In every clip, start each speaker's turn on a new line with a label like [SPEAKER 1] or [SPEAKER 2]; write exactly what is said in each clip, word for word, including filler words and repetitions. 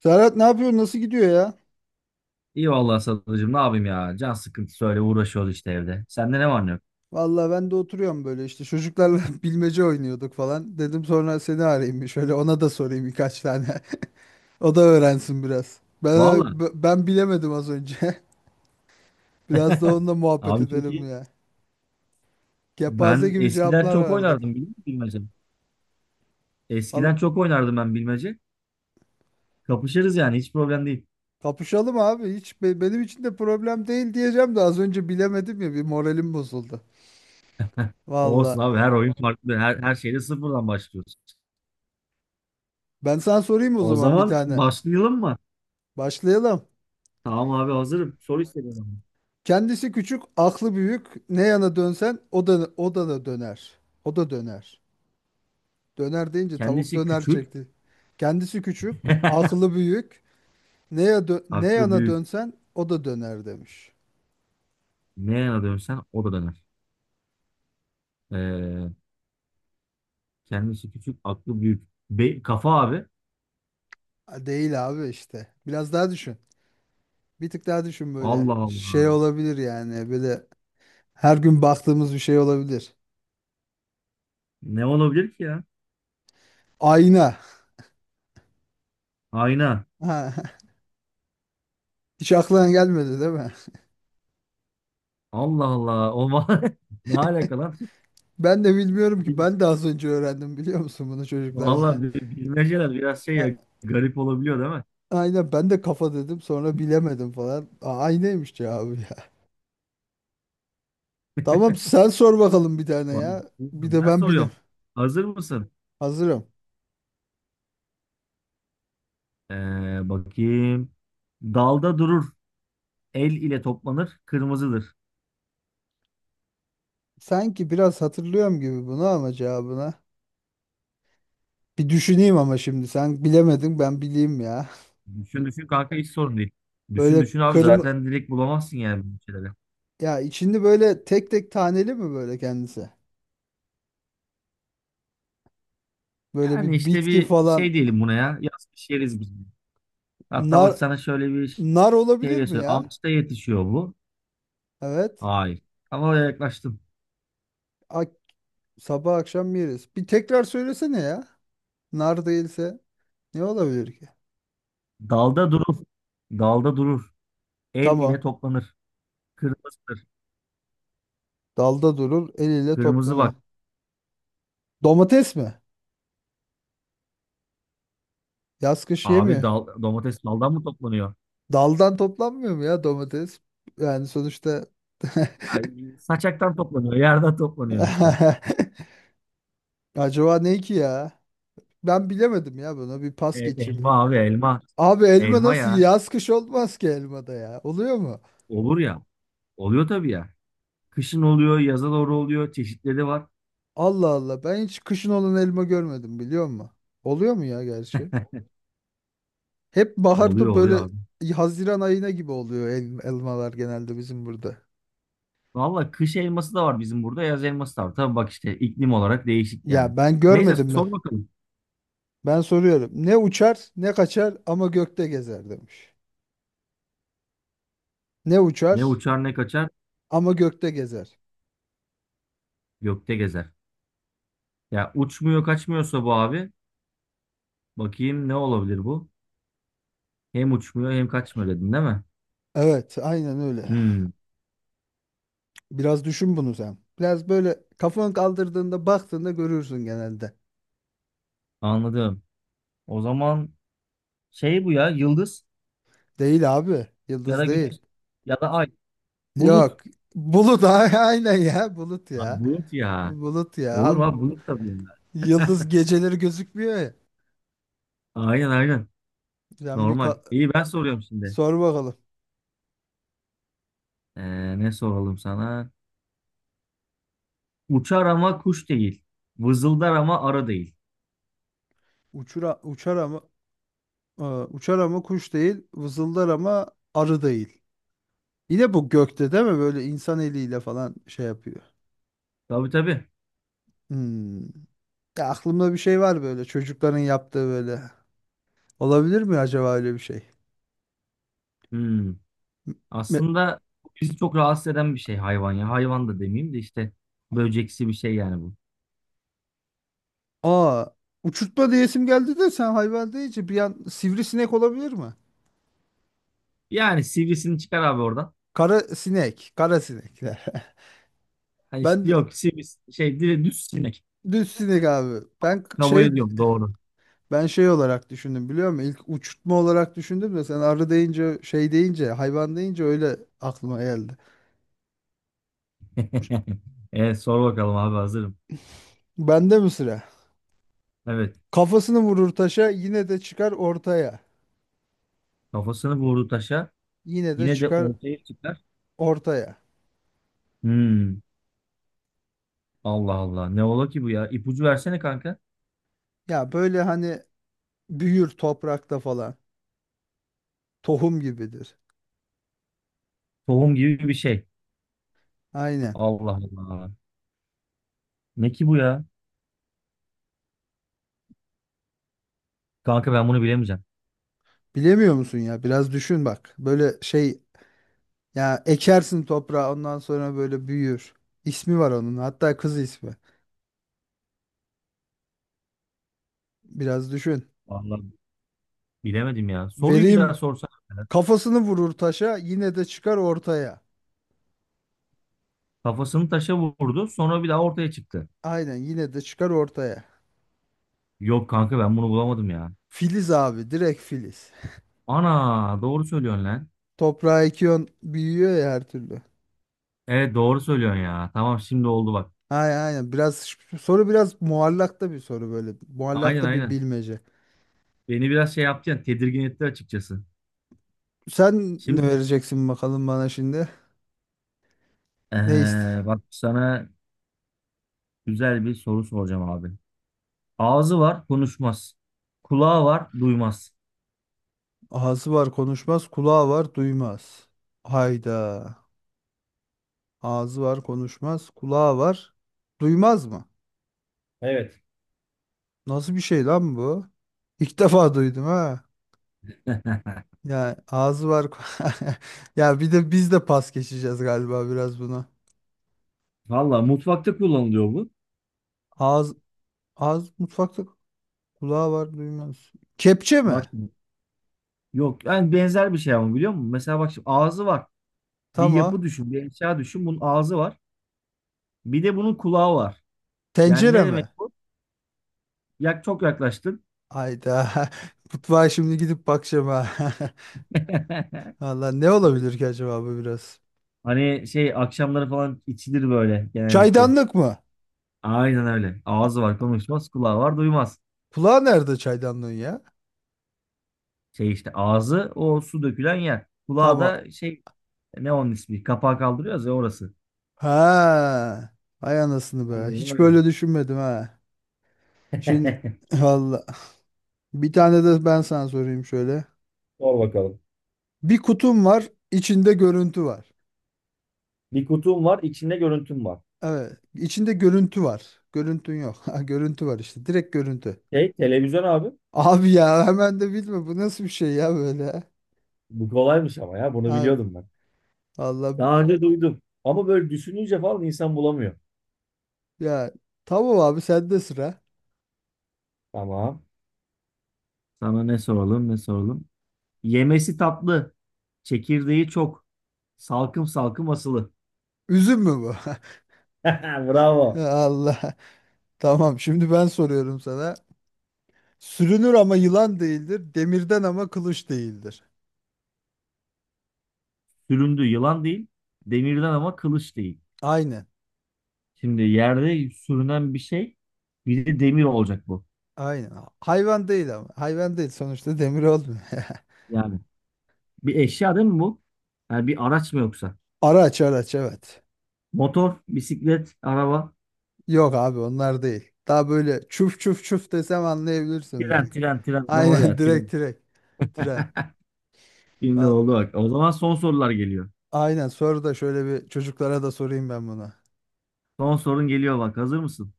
[SPEAKER 1] Serhat ne yapıyorsun? Nasıl gidiyor ya?
[SPEAKER 2] İyi vallahi Sadıcığım ne yapayım ya. Can sıkıntısı öyle uğraşıyoruz işte evde. Sende ne var ne yok?
[SPEAKER 1] Vallahi ben de oturuyorum böyle işte çocuklarla bilmece oynuyorduk falan. Dedim sonra seni arayayım bir şöyle ona da sorayım birkaç tane. O da öğrensin biraz. Ben
[SPEAKER 2] Vallahi.
[SPEAKER 1] ben bilemedim az önce. Biraz da onunla muhabbet
[SPEAKER 2] Abi çok
[SPEAKER 1] edelim
[SPEAKER 2] iyi.
[SPEAKER 1] ya. Kepaze
[SPEAKER 2] Ben
[SPEAKER 1] gibi
[SPEAKER 2] eskiden
[SPEAKER 1] cevaplar
[SPEAKER 2] çok
[SPEAKER 1] verdik.
[SPEAKER 2] oynardım biliyor musun bilmece?
[SPEAKER 1] Al,
[SPEAKER 2] Eskiden çok oynardım ben bilmece. Kapışırız yani hiç problem değil.
[SPEAKER 1] kapışalım abi hiç be- benim için de problem değil diyeceğim de az önce bilemedim ya bir moralim bozuldu.
[SPEAKER 2] Olsun abi
[SPEAKER 1] Vallahi
[SPEAKER 2] her oyun farklı. Her, her şeyde sıfırdan başlıyoruz.
[SPEAKER 1] ben sana sorayım o
[SPEAKER 2] O
[SPEAKER 1] zaman bir
[SPEAKER 2] zaman
[SPEAKER 1] tane.
[SPEAKER 2] başlayalım mı?
[SPEAKER 1] Başlayalım.
[SPEAKER 2] Tamam abi hazırım. Soru istedim abi.
[SPEAKER 1] Kendisi küçük, aklı büyük. Ne yana dönsen o da o da da döner. O da döner. Döner deyince tavuk
[SPEAKER 2] Kendisi
[SPEAKER 1] döner
[SPEAKER 2] küçük.
[SPEAKER 1] çekti. Kendisi küçük, aklı büyük. Ne ya dö- ne
[SPEAKER 2] Aklı
[SPEAKER 1] yana
[SPEAKER 2] büyük.
[SPEAKER 1] dönsen o da döner demiş.
[SPEAKER 2] Ne yana dönsen o da döner. Ee, Kendisi küçük, aklı büyük. Be- kafa abi.
[SPEAKER 1] Ha, değil abi işte. Biraz daha düşün. Bir tık daha düşün böyle.
[SPEAKER 2] Allah
[SPEAKER 1] Şey
[SPEAKER 2] Allah.
[SPEAKER 1] olabilir yani böyle her gün baktığımız bir şey olabilir.
[SPEAKER 2] Ne olabilir ki ya?
[SPEAKER 1] Ayna.
[SPEAKER 2] Ayna.
[SPEAKER 1] Ha, hiç aklına gelmedi değil mi?
[SPEAKER 2] Allah Allah. O ma- ne alaka lan?
[SPEAKER 1] Ben de bilmiyorum ki.
[SPEAKER 2] Bil-
[SPEAKER 1] Ben de az önce öğrendim biliyor musun bunu çocuklarla.
[SPEAKER 2] Vallahi bi- bilmeceler biraz şey ya, garip olabiliyor değil mi?
[SPEAKER 1] Aynen ben de kafa dedim sonra bilemedim falan. Aa, aynıymış cevabı ya. Tamam sen sor bakalım bir tane
[SPEAKER 2] Vay,
[SPEAKER 1] ya. Bir de
[SPEAKER 2] ben
[SPEAKER 1] ben bileyim.
[SPEAKER 2] soruyorum. Hazır mısın?
[SPEAKER 1] Hazırım.
[SPEAKER 2] Ee, bakayım. Dalda durur. El ile toplanır. Kırmızıdır.
[SPEAKER 1] Sanki biraz hatırlıyorum gibi bunu ama cevabına. Bir düşüneyim ama şimdi sen bilemedin ben bileyim ya.
[SPEAKER 2] Düşün düşün kanka hiç sorun değil. Düşün
[SPEAKER 1] Böyle
[SPEAKER 2] düşün abi
[SPEAKER 1] kırmızı
[SPEAKER 2] zaten direkt bulamazsın yani bu şeyleri.
[SPEAKER 1] ya, içinde böyle tek tek taneli mi böyle kendisi? Böyle bir
[SPEAKER 2] Yani işte
[SPEAKER 1] bitki
[SPEAKER 2] bir
[SPEAKER 1] falan.
[SPEAKER 2] şey diyelim buna ya. Yaz kış yeriz biz bunu. Hatta
[SPEAKER 1] nar
[SPEAKER 2] bak sana şöyle bir
[SPEAKER 1] Nar
[SPEAKER 2] şey
[SPEAKER 1] olabilir
[SPEAKER 2] de
[SPEAKER 1] mi
[SPEAKER 2] söyleyeyim.
[SPEAKER 1] ya?
[SPEAKER 2] Ağaçta yetişiyor bu.
[SPEAKER 1] Evet.
[SPEAKER 2] Hayır. Ama oraya yaklaştım.
[SPEAKER 1] Ak- Sabah akşam yeriz. Bir tekrar söylesene ya. Nar değilse ne olabilir ki?
[SPEAKER 2] Dalda durur. Dalda durur. El ile
[SPEAKER 1] Tamam.
[SPEAKER 2] toplanır. Kırmızıdır.
[SPEAKER 1] Dalda durur, eliyle
[SPEAKER 2] Kırmızı
[SPEAKER 1] toplanır.
[SPEAKER 2] bak.
[SPEAKER 1] Domates mi? Yaz kış
[SPEAKER 2] Abi
[SPEAKER 1] yemiyor.
[SPEAKER 2] dal, domates daldan mı toplanıyor?
[SPEAKER 1] Daldan toplanmıyor mu ya domates? Yani sonuçta…
[SPEAKER 2] Ya saçaktan toplanıyor. Yerden toplanıyor işte.
[SPEAKER 1] acaba ne ki ya? Ben bilemedim ya, buna bir pas
[SPEAKER 2] E,
[SPEAKER 1] geçeyim.
[SPEAKER 2] elma abi elma.
[SPEAKER 1] Abi elma
[SPEAKER 2] Elma
[SPEAKER 1] nasıl
[SPEAKER 2] ya.
[SPEAKER 1] yaz kış olmaz ki elmada ya. Oluyor mu?
[SPEAKER 2] Olur ya. Oluyor tabii ya. Kışın oluyor, yaza doğru oluyor. Çeşitleri var.
[SPEAKER 1] Allah Allah, ben hiç kışın olan elma görmedim biliyor musun? Oluyor mu ya gerçi? Hep
[SPEAKER 2] Oluyor
[SPEAKER 1] baharda
[SPEAKER 2] oluyor
[SPEAKER 1] böyle
[SPEAKER 2] abi.
[SPEAKER 1] Haziran ayına gibi oluyor el- elmalar genelde bizim burada.
[SPEAKER 2] Valla kış elması da var bizim burada. Yaz elması da var. Tabii bak işte iklim olarak değişik yani.
[SPEAKER 1] Ya ben
[SPEAKER 2] Neyse
[SPEAKER 1] görmedim mi?
[SPEAKER 2] sor bakalım.
[SPEAKER 1] Ben soruyorum. Ne uçar, ne kaçar ama gökte gezer demiş. Ne
[SPEAKER 2] Ne
[SPEAKER 1] uçar
[SPEAKER 2] uçar ne kaçar
[SPEAKER 1] ama gökte gezer.
[SPEAKER 2] gökte gezer. Ya uçmuyor kaçmıyorsa bu abi. Bakayım ne olabilir bu? Hem uçmuyor hem kaçmıyor dedin değil mi?
[SPEAKER 1] Evet, aynen öyle.
[SPEAKER 2] Hmm,
[SPEAKER 1] Biraz düşün bunu sen. Biraz böyle kafanı kaldırdığında baktığında görürsün genelde.
[SPEAKER 2] anladım. O zaman şey bu ya yıldız
[SPEAKER 1] Değil abi,
[SPEAKER 2] ya da
[SPEAKER 1] yıldız değil.
[SPEAKER 2] güneş ya da ay. Bulut.
[SPEAKER 1] Yok, bulut. A- aynen ya, bulut
[SPEAKER 2] Ha,
[SPEAKER 1] ya.
[SPEAKER 2] bulut ya.
[SPEAKER 1] Bulut ya.
[SPEAKER 2] Olur
[SPEAKER 1] Abi
[SPEAKER 2] mu abi bulut da bunlar.
[SPEAKER 1] yıldız geceleri gözükmüyor ya.
[SPEAKER 2] Aynen aynen.
[SPEAKER 1] Sen bir
[SPEAKER 2] Normal.
[SPEAKER 1] ka-
[SPEAKER 2] İyi ben soruyorum şimdi.
[SPEAKER 1] Sor bakalım.
[SPEAKER 2] Ee, ne soralım sana? Uçar ama kuş değil. Vızıldar ama arı değil.
[SPEAKER 1] Uçura, uçar ama e, Uçar ama kuş değil, vızıldar ama arı değil. Yine bu gökte değil mi? Böyle insan eliyle falan şey yapıyor.
[SPEAKER 2] Tabii tabii.
[SPEAKER 1] Hmm. Ya aklımda bir şey var böyle çocukların yaptığı böyle. Olabilir mi acaba öyle bir şey?
[SPEAKER 2] Hmm.
[SPEAKER 1] me-
[SPEAKER 2] Aslında bizi çok rahatsız eden bir şey hayvan ya. Hayvan da demeyeyim de işte böceksi bir şey yani bu.
[SPEAKER 1] Aa, uçurtma diyesim geldi de sen hayvan deyince bir an sivrisinek olabilir mi?
[SPEAKER 2] Yani sivrisini çıkar abi oradan.
[SPEAKER 1] Kara sinek, kara sinek.
[SPEAKER 2] Hani
[SPEAKER 1] Ben
[SPEAKER 2] işte
[SPEAKER 1] d-
[SPEAKER 2] yok sivris şey dire- düz sinek.
[SPEAKER 1] Düz sinek abi. Ben k-
[SPEAKER 2] Kabul
[SPEAKER 1] şey
[SPEAKER 2] ediyorum doğru.
[SPEAKER 1] ben şey olarak düşündüm biliyor musun? İlk uçurtma olarak düşündüm de sen arı deyince, şey deyince, hayvan deyince öyle aklıma geldi.
[SPEAKER 2] Evet sor bakalım abi hazırım.
[SPEAKER 1] Bende mi sıra?
[SPEAKER 2] Evet
[SPEAKER 1] Kafasını vurur taşa yine de çıkar ortaya.
[SPEAKER 2] kafasını vurdu taşa.
[SPEAKER 1] Yine de
[SPEAKER 2] Yine de
[SPEAKER 1] çıkar
[SPEAKER 2] ortaya çıkar.
[SPEAKER 1] ortaya.
[SPEAKER 2] Hmm, Allah Allah ne ola ki bu ya? İpucu versene kanka.
[SPEAKER 1] Ya böyle hani büyür toprakta falan. Tohum gibidir.
[SPEAKER 2] Tohum gibi bir şey.
[SPEAKER 1] Aynen.
[SPEAKER 2] Allah Allah. Ne ki bu ya? Kanka ben bunu bilemeyeceğim.
[SPEAKER 1] Bilemiyor musun ya? Biraz düşün bak. Böyle şey, ya ekersin toprağa ondan sonra böyle büyür. İsmi var onun. Hatta kız ismi. Biraz düşün.
[SPEAKER 2] Vallahi bilemedim ya. Soruyu bir daha
[SPEAKER 1] Vereyim:
[SPEAKER 2] sorsana.
[SPEAKER 1] kafasını vurur taşa yine de çıkar ortaya.
[SPEAKER 2] Kafasını taşa vurdu sonra bir daha ortaya çıktı.
[SPEAKER 1] Aynen, yine de çıkar ortaya.
[SPEAKER 2] Yok kanka ben bunu bulamadım ya.
[SPEAKER 1] Filiz abi, direkt filiz.
[SPEAKER 2] Ana doğru söylüyorsun lan.
[SPEAKER 1] Toprağa ekiyorsun büyüyor ya her türlü.
[SPEAKER 2] Evet doğru söylüyorsun ya. Tamam şimdi oldu bak.
[SPEAKER 1] Aynen aynen. Biraz ş- soru biraz muallakta bir soru böyle.
[SPEAKER 2] Aynen
[SPEAKER 1] Muallakta bir
[SPEAKER 2] aynen.
[SPEAKER 1] bilmece.
[SPEAKER 2] Beni biraz şey yaptı ya tedirgin etti açıkçası.
[SPEAKER 1] Sen ne
[SPEAKER 2] Şimdi
[SPEAKER 1] vereceksin bakalım bana şimdi? Ne ist?
[SPEAKER 2] eee, bak sana güzel bir soru soracağım abi. Ağzı var konuşmaz. Kulağı var duymaz.
[SPEAKER 1] Ağzı var konuşmaz, kulağı var duymaz. Hayda. Ağzı var konuşmaz, kulağı var duymaz mı?
[SPEAKER 2] Evet.
[SPEAKER 1] Nasıl bir şey lan bu? İlk defa duydum ha. Ya ağzı var. Ya bir de biz de pas geçeceğiz galiba biraz buna.
[SPEAKER 2] Valla mutfakta kullanılıyor bu.
[SPEAKER 1] Ağız ağız mutfakta, kulağı var duymaz. Kepçe
[SPEAKER 2] Bak
[SPEAKER 1] mi?
[SPEAKER 2] şimdi, yok yani benzer bir şey ama biliyor musun? Mesela bak şimdi ağzı var. Bir yapı
[SPEAKER 1] Tamam.
[SPEAKER 2] düşün, bir eşya düşün. Bunun ağzı var. Bir de bunun kulağı var. Yani ne
[SPEAKER 1] Tencere mi?
[SPEAKER 2] demek bu? Yak çok yaklaştın.
[SPEAKER 1] Hayda. Mutfağa şimdi gidip bakacağım ha. Valla ne olabilir ki acaba bu biraz?
[SPEAKER 2] Hani şey akşamları falan içilir böyle genellikle.
[SPEAKER 1] Çaydanlık mı?
[SPEAKER 2] Aynen öyle.
[SPEAKER 1] A-
[SPEAKER 2] Ağzı var konuşmaz, kulağı var duymaz.
[SPEAKER 1] Kulağı nerede çaydanlığın ya?
[SPEAKER 2] Şey işte ağzı o su dökülen yer. Kulağı
[SPEAKER 1] Tamam.
[SPEAKER 2] da şey ne onun ismi? Kapağı kaldırıyoruz ya orası.
[SPEAKER 1] Ha. Ay anasını be.
[SPEAKER 2] Aynen
[SPEAKER 1] Hiç
[SPEAKER 2] öyle.
[SPEAKER 1] böyle düşünmedim ha. Şimdi valla. Bir tane de ben sana sorayım şöyle.
[SPEAKER 2] Sor bakalım.
[SPEAKER 1] Bir kutum var, içinde görüntü var.
[SPEAKER 2] Bir kutum var, içinde görüntüm var.
[SPEAKER 1] Evet. içinde görüntü var. Görüntün yok. Ha, görüntü var işte. Direkt görüntü.
[SPEAKER 2] Şey, televizyon abi.
[SPEAKER 1] Abi ya hemen de bilme. Bu nasıl bir şey ya böyle?
[SPEAKER 2] Bu kolaymış ama ya, bunu
[SPEAKER 1] Ha,
[SPEAKER 2] biliyordum ben.
[SPEAKER 1] Allah
[SPEAKER 2] Daha önce duydum. Ama böyle düşününce falan insan bulamıyor.
[SPEAKER 1] ya, tamam abi, sende sıra.
[SPEAKER 2] Tamam. Sana ne soralım, ne soralım? Yemesi tatlı. Çekirdeği çok. Salkım salkım asılı.
[SPEAKER 1] Üzüm mü bu?
[SPEAKER 2] Bravo.
[SPEAKER 1] Allah. Tamam şimdi ben soruyorum sana. Sürünür ama yılan değildir. Demirden ama kılıç değildir.
[SPEAKER 2] Süründü yılan değil. Demirden ama kılıç değil.
[SPEAKER 1] Aynen.
[SPEAKER 2] Şimdi yerde sürünen bir şey bir de demir olacak bu.
[SPEAKER 1] Aynen. Hayvan değil ama. Hayvan değil, sonuçta demir olmuyor.
[SPEAKER 2] Yani bir eşya değil mi bu? Yani bir araç mı yoksa?
[SPEAKER 1] Araç araç evet.
[SPEAKER 2] Motor, bisiklet, araba,
[SPEAKER 1] Yok abi onlar değil. Daha böyle çuf çuf çuf desem anlayabilirsin
[SPEAKER 2] tren,
[SPEAKER 1] belki.
[SPEAKER 2] tren, tren. Doğru
[SPEAKER 1] Aynen.
[SPEAKER 2] ya tren.
[SPEAKER 1] Direkt direkt. Tren.
[SPEAKER 2] Şimdi
[SPEAKER 1] Val-
[SPEAKER 2] oldu bak. O zaman son sorular geliyor.
[SPEAKER 1] Aynen, sonra da şöyle bir çocuklara da sorayım ben bunu.
[SPEAKER 2] Son sorun geliyor bak. Hazır mısın?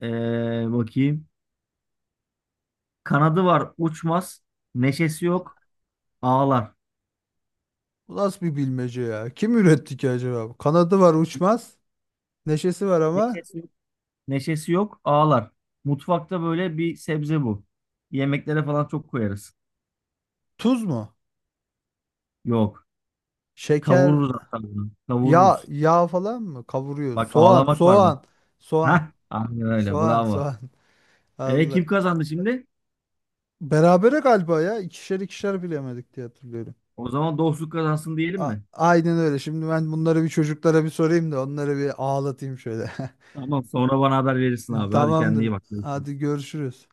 [SPEAKER 2] Ee, bakayım. Kanadı var uçmaz. Neşesi yok ağlar.
[SPEAKER 1] Bu nasıl bir bilmece ya? Kim üretti ki acaba bu? Kanadı var uçmaz. Neşesi var ama
[SPEAKER 2] Neşesi, neşesi yok, ağlar. Mutfakta böyle bir sebze bu. Yemeklere falan çok koyarız.
[SPEAKER 1] tuz mu?
[SPEAKER 2] Yok.
[SPEAKER 1] Şeker,
[SPEAKER 2] Kavururuz hatta bunu.
[SPEAKER 1] yağ,
[SPEAKER 2] Kavururuz.
[SPEAKER 1] yağ falan mı? Kavuruyor.
[SPEAKER 2] Bak
[SPEAKER 1] Soğan,
[SPEAKER 2] ağlamak var bak.
[SPEAKER 1] soğan, soğan,
[SPEAKER 2] Hah. Aynen öyle.
[SPEAKER 1] soğan,
[SPEAKER 2] Bravo.
[SPEAKER 1] soğan.
[SPEAKER 2] E
[SPEAKER 1] Allah.
[SPEAKER 2] kim kazandı şimdi?
[SPEAKER 1] Berabere galiba ya. İkişer ikişer bilemedik diye hatırlıyorum.
[SPEAKER 2] O zaman dostluk kazansın diyelim
[SPEAKER 1] A-
[SPEAKER 2] mi?
[SPEAKER 1] aynen öyle. Şimdi ben bunları bir çocuklara bir sorayım da onları bir ağlatayım şöyle.
[SPEAKER 2] Tamam sonra bana haber verirsin abi. Hadi kendine iyi
[SPEAKER 1] Tamamdır.
[SPEAKER 2] bak. Görüşürüz.
[SPEAKER 1] Hadi görüşürüz.